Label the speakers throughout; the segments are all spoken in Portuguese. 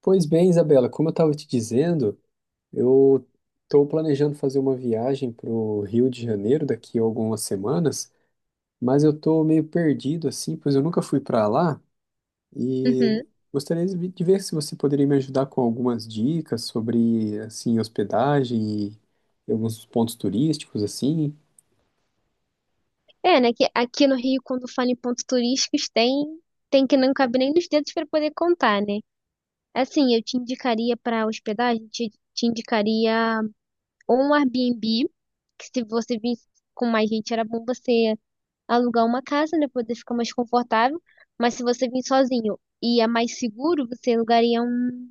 Speaker 1: Pois bem, Isabela, como eu estava te dizendo, eu estou planejando fazer uma viagem para o Rio de Janeiro daqui a algumas semanas, mas eu estou meio perdido assim, pois eu nunca fui para lá e
Speaker 2: Uhum.
Speaker 1: gostaria de ver se você poderia me ajudar com algumas dicas sobre assim hospedagem e alguns pontos turísticos assim,
Speaker 2: É, né? Que aqui no Rio, quando fala em pontos turísticos, tem que não cabe nem nos dedos para poder contar, né? Assim, eu te indicaria para hospedagem, te indicaria ou um Airbnb, que se você visse com mais gente, era bom você alugar uma casa, né? Poder ficar mais confortável. Mas se você vir sozinho e é mais seguro, você alugaria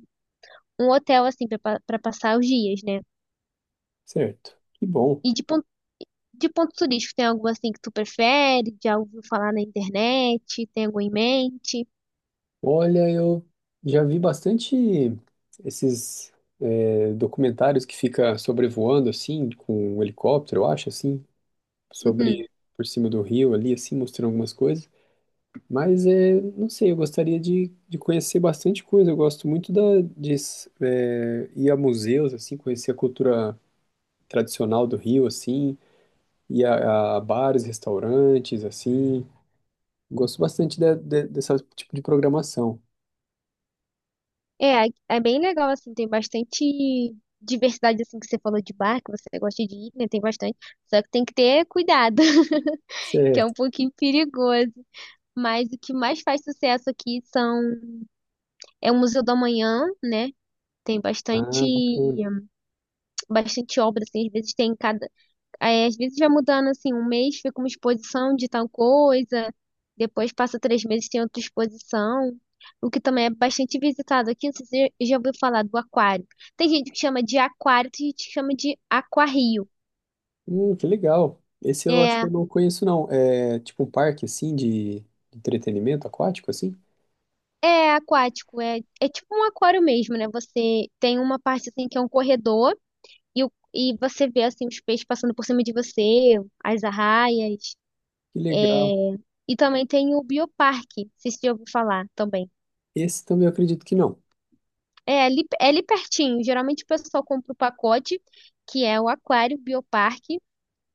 Speaker 2: um hotel, assim, para passar os dias, né?
Speaker 1: certo? Que bom.
Speaker 2: E de ponto turístico, tem algo assim que tu prefere? Já ouviu falar na internet? Tem algo em mente?
Speaker 1: Olha, eu já vi bastante esses documentários que fica sobrevoando assim, com um helicóptero, eu acho, assim,
Speaker 2: Uhum.
Speaker 1: sobre por cima do rio ali, assim, mostrando algumas coisas. Mas é, não sei, eu gostaria de conhecer bastante coisa. Eu gosto muito da, de ir a museus, assim, conhecer a cultura tradicional do Rio, assim, ir a bares, restaurantes, assim. Gosto bastante de desse tipo de programação.
Speaker 2: É bem legal, assim, tem bastante diversidade, assim, que você falou de bar, que você gosta de ir, né? Tem bastante. Só que tem que ter cuidado, que é um
Speaker 1: Certo.
Speaker 2: pouquinho perigoso. Mas o que mais faz sucesso aqui são... É o Museu do Amanhã, né? Tem bastante,
Speaker 1: Ah, bacana.
Speaker 2: bastante obra, assim, às vezes tem cada... Aí, às vezes vai mudando assim, um mês fica uma exposição de tal coisa, depois passa 3 meses tem outra exposição, o que também é bastante visitado aqui. Não sei se você já ouviu falar do aquário. Tem gente que chama de aquário, tem gente que chama de aquarrio.
Speaker 1: Que legal. Esse eu acho que
Speaker 2: É,
Speaker 1: eu não conheço, não. É tipo um parque, assim, de entretenimento aquático, assim?
Speaker 2: é aquático, é tipo um aquário mesmo, né? Você tem uma parte assim que é um corredor e, e você vê assim os peixes passando por cima de você, as arraias.
Speaker 1: Que legal.
Speaker 2: E também tem o bioparque, não sei se você já ouviu falar também.
Speaker 1: Esse também eu acredito que não.
Speaker 2: É ali pertinho. Geralmente o pessoal compra o pacote, que é o Aquário, Bioparque,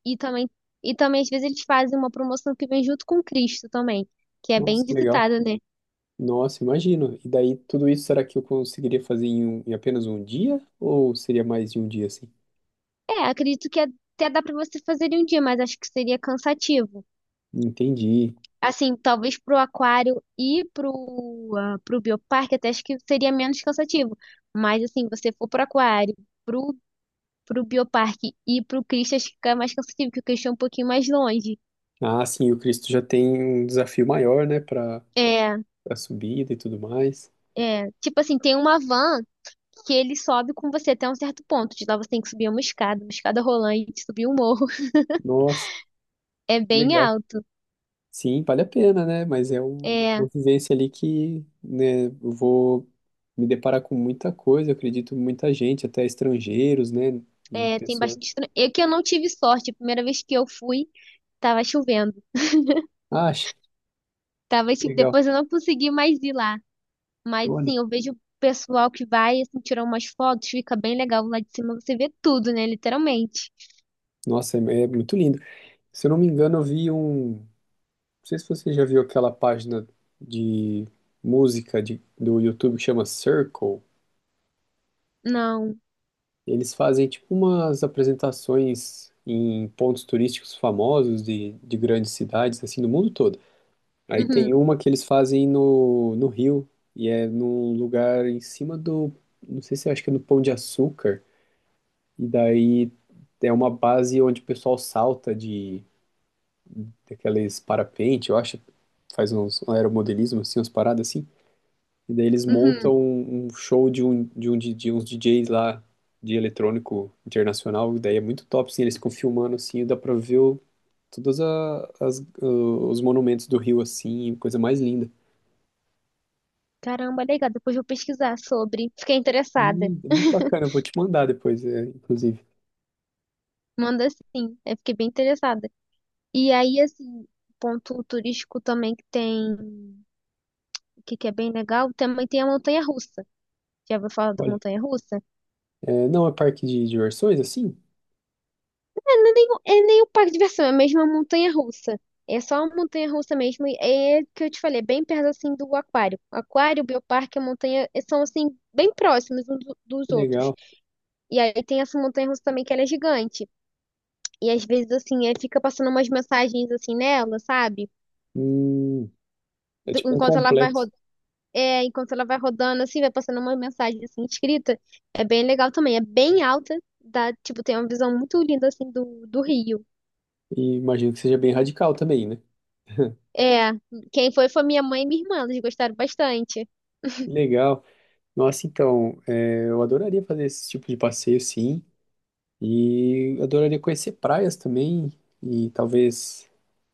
Speaker 2: e também, e também às vezes eles fazem uma promoção que vem junto com o Cristo também, que é bem
Speaker 1: Nossa, que legal.
Speaker 2: visitado, né?
Speaker 1: Nossa, imagino. E daí, tudo isso, será que eu conseguiria fazer em, em apenas um dia? Ou seria mais de um dia, assim?
Speaker 2: É, acredito que até dá pra você fazer em um dia, mas acho que seria cansativo.
Speaker 1: Entendi.
Speaker 2: Assim, talvez pro Aquário e pro, ah, pro Bioparque até acho que seria menos cansativo. Mas assim, você for pro Aquário, pro, pro Bioparque e pro Cristo, acho que fica mais cansativo, porque o Cristo é um pouquinho mais longe.
Speaker 1: Ah, sim, o Cristo já tem um desafio maior, né, para
Speaker 2: É.
Speaker 1: a subida e tudo mais.
Speaker 2: É, tipo assim, tem uma van que ele sobe com você até um certo ponto. De lá você tem que subir uma escada rolante, subir um morro.
Speaker 1: Nossa,
Speaker 2: É
Speaker 1: que
Speaker 2: bem
Speaker 1: legal.
Speaker 2: alto.
Speaker 1: Sim, vale a pena, né? Mas é
Speaker 2: É,
Speaker 1: uma vivência ali que, né, eu vou me deparar com muita coisa, eu acredito, muita gente, até estrangeiros, né? E
Speaker 2: é, tem
Speaker 1: pessoas.
Speaker 2: bastante. É que eu não tive sorte. A primeira vez que eu fui, tava chovendo.
Speaker 1: Acha,
Speaker 2: Tava, tipo,
Speaker 1: legal.
Speaker 2: depois eu não consegui mais ir lá. Mas
Speaker 1: Olha,
Speaker 2: assim, eu vejo o pessoal que vai, assim, tirar umas fotos, fica bem legal lá de cima. Você vê tudo, né? Literalmente.
Speaker 1: nossa, é, é muito lindo. Se eu não me engano, eu vi um. Não sei se você já viu aquela página de música do YouTube que chama Circle.
Speaker 2: Não.
Speaker 1: Eles fazem tipo umas apresentações em pontos turísticos famosos de grandes cidades, assim, do mundo todo. Aí
Speaker 2: Uhum,
Speaker 1: tem uma que eles fazem no Rio, e é num lugar em cima do, não sei se acho que é no Pão de Açúcar, e daí é uma base onde o pessoal salta de daqueles parapente, eu acho, faz uns um aeromodelismo assim, umas paradas assim, e daí eles montam
Speaker 2: uhum.
Speaker 1: um show de um DJ uns DJs lá de eletrônico internacional, e daí é muito top, assim, eles ficam filmando assim, e dá pra ver todas as, os monumentos do Rio assim, coisa mais linda.
Speaker 2: Caramba, legal. Depois eu vou pesquisar sobre. Fiquei interessada.
Speaker 1: É muito bacana, eu vou te mandar depois, é, inclusive.
Speaker 2: Manda sim, eu fiquei bem interessada. E aí, assim, ponto turístico também que tem, que é bem legal, também tem a montanha-russa. Já ouviu falar da
Speaker 1: Olha,
Speaker 2: montanha-russa? É,
Speaker 1: é, não é parque de diversões, assim?
Speaker 2: é nem, é nem o parque de diversão, é mesmo a montanha-russa. É só a montanha-russa mesmo, e é que eu te falei, é bem perto, assim, do aquário. Aquário, bioparque, a montanha, eh, são, assim, bem próximos dos
Speaker 1: Que
Speaker 2: outros.
Speaker 1: legal.
Speaker 2: E aí tem essa montanha-russa também que ela é gigante. E às vezes, assim, é, fica passando umas mensagens, assim, nela, sabe?
Speaker 1: Hum, é
Speaker 2: Do-
Speaker 1: tipo um
Speaker 2: enquanto ela vai
Speaker 1: complexo.
Speaker 2: É, enquanto ela vai rodando, assim, vai passando uma mensagem, assim, escrita. É bem legal também. É bem alta, dá, tipo, tem uma visão muito linda, assim, do Rio.
Speaker 1: E imagino que seja bem radical também, né?
Speaker 2: É, quem foi minha mãe e minha irmã, eles gostaram bastante.
Speaker 1: Que legal. Nossa, então, é, eu adoraria fazer esse tipo de passeio, sim. E adoraria conhecer praias também. E talvez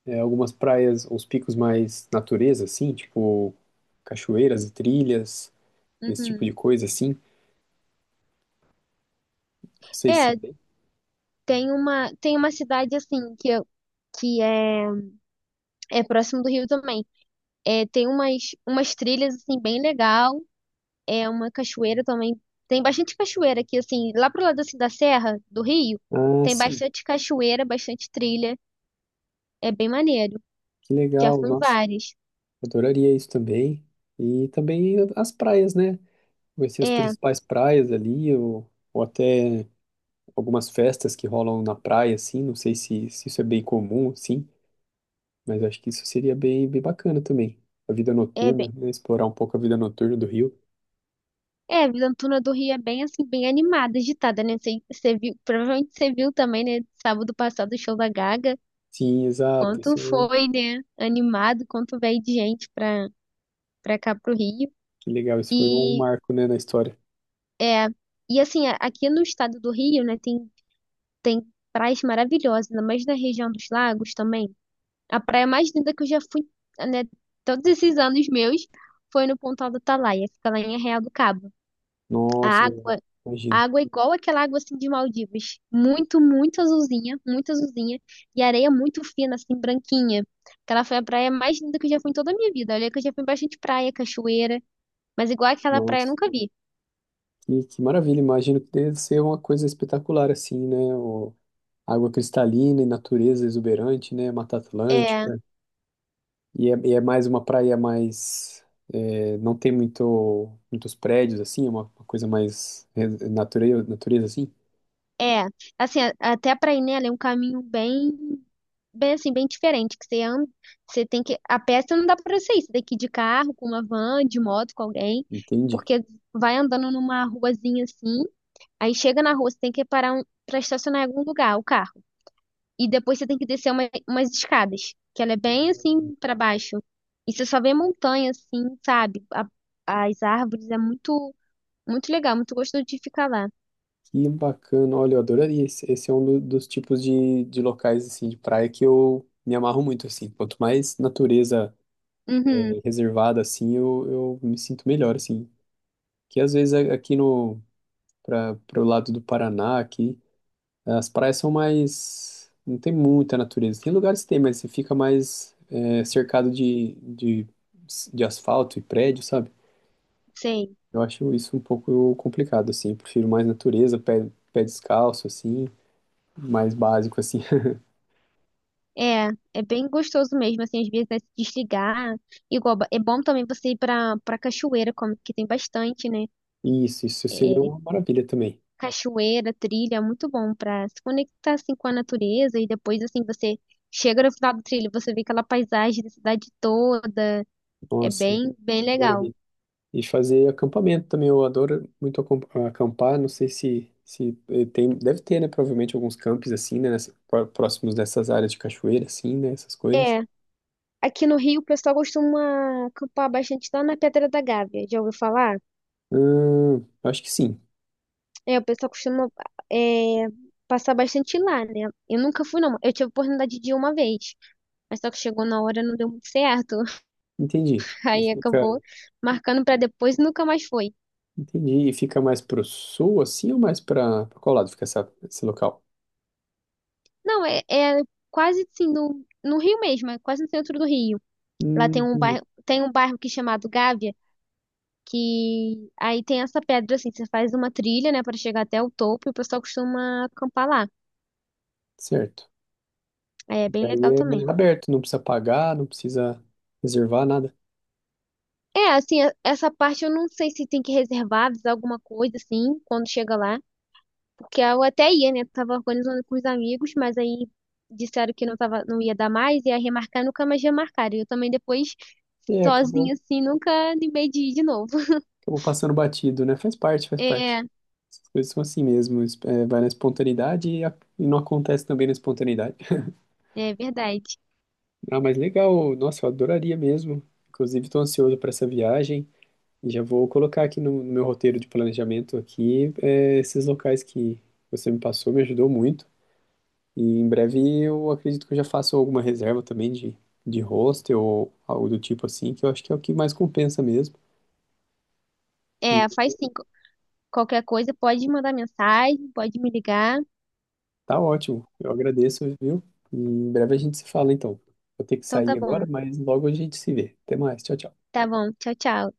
Speaker 1: é, algumas praias, uns picos mais natureza, assim, tipo cachoeiras e trilhas, esse tipo
Speaker 2: Uhum.
Speaker 1: de coisa, assim. Não sei se
Speaker 2: É,
Speaker 1: tem.
Speaker 2: tem uma cidade, assim, que é, é próximo do Rio também. É, umas trilhas, assim, bem legal. É uma cachoeira também. Tem bastante cachoeira aqui, assim, lá pro lado, assim, da Serra do Rio.
Speaker 1: Ah,
Speaker 2: Tem
Speaker 1: sim.
Speaker 2: bastante cachoeira, bastante trilha. É bem maneiro.
Speaker 1: Que
Speaker 2: Já
Speaker 1: legal,
Speaker 2: fui em
Speaker 1: nossa.
Speaker 2: várias.
Speaker 1: Adoraria isso também. E também as praias, né? Conhecer as
Speaker 2: É,
Speaker 1: principais praias ali, ou até algumas festas que rolam na praia, assim. Não sei se isso é bem comum, sim, mas acho que isso seria bem, bem bacana também. A vida
Speaker 2: é
Speaker 1: noturna,
Speaker 2: bem.
Speaker 1: né? Explorar um pouco a vida noturna do Rio.
Speaker 2: É, a Vila Antuna do Rio é bem assim, bem animada, agitada, né? Você viu, provavelmente você viu também, né? Sábado passado o show da Gaga.
Speaker 1: Sim, exato.
Speaker 2: Quanto
Speaker 1: Isso,
Speaker 2: foi, né? Animado, quanto veio de gente pra, pra cá pro Rio.
Speaker 1: que legal. Isso foi um
Speaker 2: E
Speaker 1: marco, né, na história.
Speaker 2: é, e assim, aqui no estado do Rio, né, tem praias maravilhosas, ainda mais na região dos lagos também. A praia mais linda que eu já fui, né, todos esses anos meus, foi no Pontal do Atalaia, fica lá em Arraial do Cabo. A
Speaker 1: Nossa,
Speaker 2: água
Speaker 1: imagino.
Speaker 2: Água igual aquela água assim de Maldivas. Muito azulzinha, muito azulzinha. E areia muito fina, assim, branquinha. Aquela foi a praia mais linda que eu já fui em toda a minha vida. Olha que eu já fui em bastante praia, cachoeira. Mas igual aquela praia eu
Speaker 1: Nossa,
Speaker 2: nunca vi.
Speaker 1: que maravilha. Imagino que deve ser uma coisa espetacular, assim, né? Água cristalina e natureza exuberante, né? Mata
Speaker 2: É,
Speaker 1: Atlântica. E é mais uma praia mais. É, não tem muito, muitos prédios, assim, é uma coisa mais natureza, natureza, assim.
Speaker 2: é. Assim, até pra ir nela é um caminho bem assim, bem diferente. Que você anda, você tem que. A pé você não dá pra você ir. Você tem que ir de carro, com uma van, de moto, com alguém.
Speaker 1: Entende?
Speaker 2: Porque vai andando numa ruazinha assim. Aí chega na rua, você tem que parar um, pra estacionar em algum lugar, o carro. E depois você tem que descer umas escadas, que ela é bem assim pra baixo. E você só vê montanha assim, sabe? As árvores é muito legal, muito gostoso de ficar lá.
Speaker 1: Que bacana. Olha, eu adoraria. Esse é um dos tipos de locais, assim, de praia que eu me amarro muito, assim. Quanto mais natureza
Speaker 2: Uhum,
Speaker 1: reservada, assim, eu me sinto melhor, assim. Que às vezes aqui no. Para o lado do Paraná, aqui. As praias são mais. Não tem muita natureza. Tem lugares que tem, mas você fica mais é, cercado de asfalto e prédio, sabe?
Speaker 2: sei.
Speaker 1: Eu acho isso um pouco complicado, assim. Eu prefiro mais natureza, pé, pé descalço, assim, mais básico, assim.
Speaker 2: É, é bem gostoso mesmo assim, às vezes né, se desligar. É bom também você ir pra para cachoeira, como que tem bastante, né?
Speaker 1: Isso seria uma maravilha também.
Speaker 2: Cachoeira, trilha, é muito bom pra se conectar assim com a natureza e depois assim você chega no final do trilho, você vê aquela paisagem da cidade toda. É
Speaker 1: Nossa,
Speaker 2: bem legal.
Speaker 1: maravilha. E fazer acampamento também. Eu adoro muito acampar. Não sei se eh, tem. Deve ter, né? Provavelmente alguns campos assim, né? Próximos dessas áreas de cachoeira, assim, né? Essas coisas.
Speaker 2: É, aqui no Rio o pessoal costuma acampar bastante lá na Pedra da Gávea, já ouviu falar?
Speaker 1: Acho que sim,
Speaker 2: É, o pessoal costuma é, passar bastante lá, né? Eu nunca fui, não. Eu tive a oportunidade de ir uma vez, mas só que chegou na hora não deu muito certo.
Speaker 1: entendi.
Speaker 2: Aí acabou marcando pra depois e nunca mais foi.
Speaker 1: Entendi. E fica mais pro sul, assim, ou mais pra qual lado fica essa, esse local?
Speaker 2: Não, é quase assim, no Rio mesmo, é quase no centro do Rio. Lá
Speaker 1: Entendi.
Speaker 2: tem um bairro que é chamado Gávea, que aí tem essa pedra assim, você faz uma trilha, né, para chegar até o topo e o pessoal costuma acampar lá.
Speaker 1: Certo.
Speaker 2: É bem
Speaker 1: Daí
Speaker 2: legal também.
Speaker 1: é aberto, não precisa pagar, não precisa reservar nada.
Speaker 2: É, assim, essa parte eu não sei se tem que reservar, avisar alguma coisa, assim, quando chega lá. Porque eu até ia, né? Tava organizando com os amigos, mas aí disseram que não tava, não ia dar mais, ia remarcar, nunca mais remarcaram. E eu também depois,
Speaker 1: É, acabou,
Speaker 2: sozinha, assim, nunca animei de ir de novo.
Speaker 1: acabou passando batido, né? Faz parte, faz parte.
Speaker 2: É,
Speaker 1: Essas coisas são assim mesmo. É, vai na espontaneidade e não acontece também na espontaneidade.
Speaker 2: é verdade.
Speaker 1: Ah, mas legal. Nossa, eu adoraria mesmo. Inclusive, estou ansioso para essa viagem. E já vou colocar aqui no meu roteiro de planejamento aqui, é, esses locais que você me passou, me ajudou muito. E em breve eu acredito que eu já faço alguma reserva também de hostel ou algo do tipo assim, que eu acho que é o que mais compensa mesmo. E
Speaker 2: É, faz sim. Qualquer coisa, pode mandar mensagem, pode me ligar.
Speaker 1: tá ótimo, eu agradeço, viu? E em breve a gente se fala então. Vou ter que
Speaker 2: Então tá
Speaker 1: sair agora,
Speaker 2: bom.
Speaker 1: mas logo a gente se vê. Até mais, tchau, tchau.
Speaker 2: Tá bom. Tchau, tchau.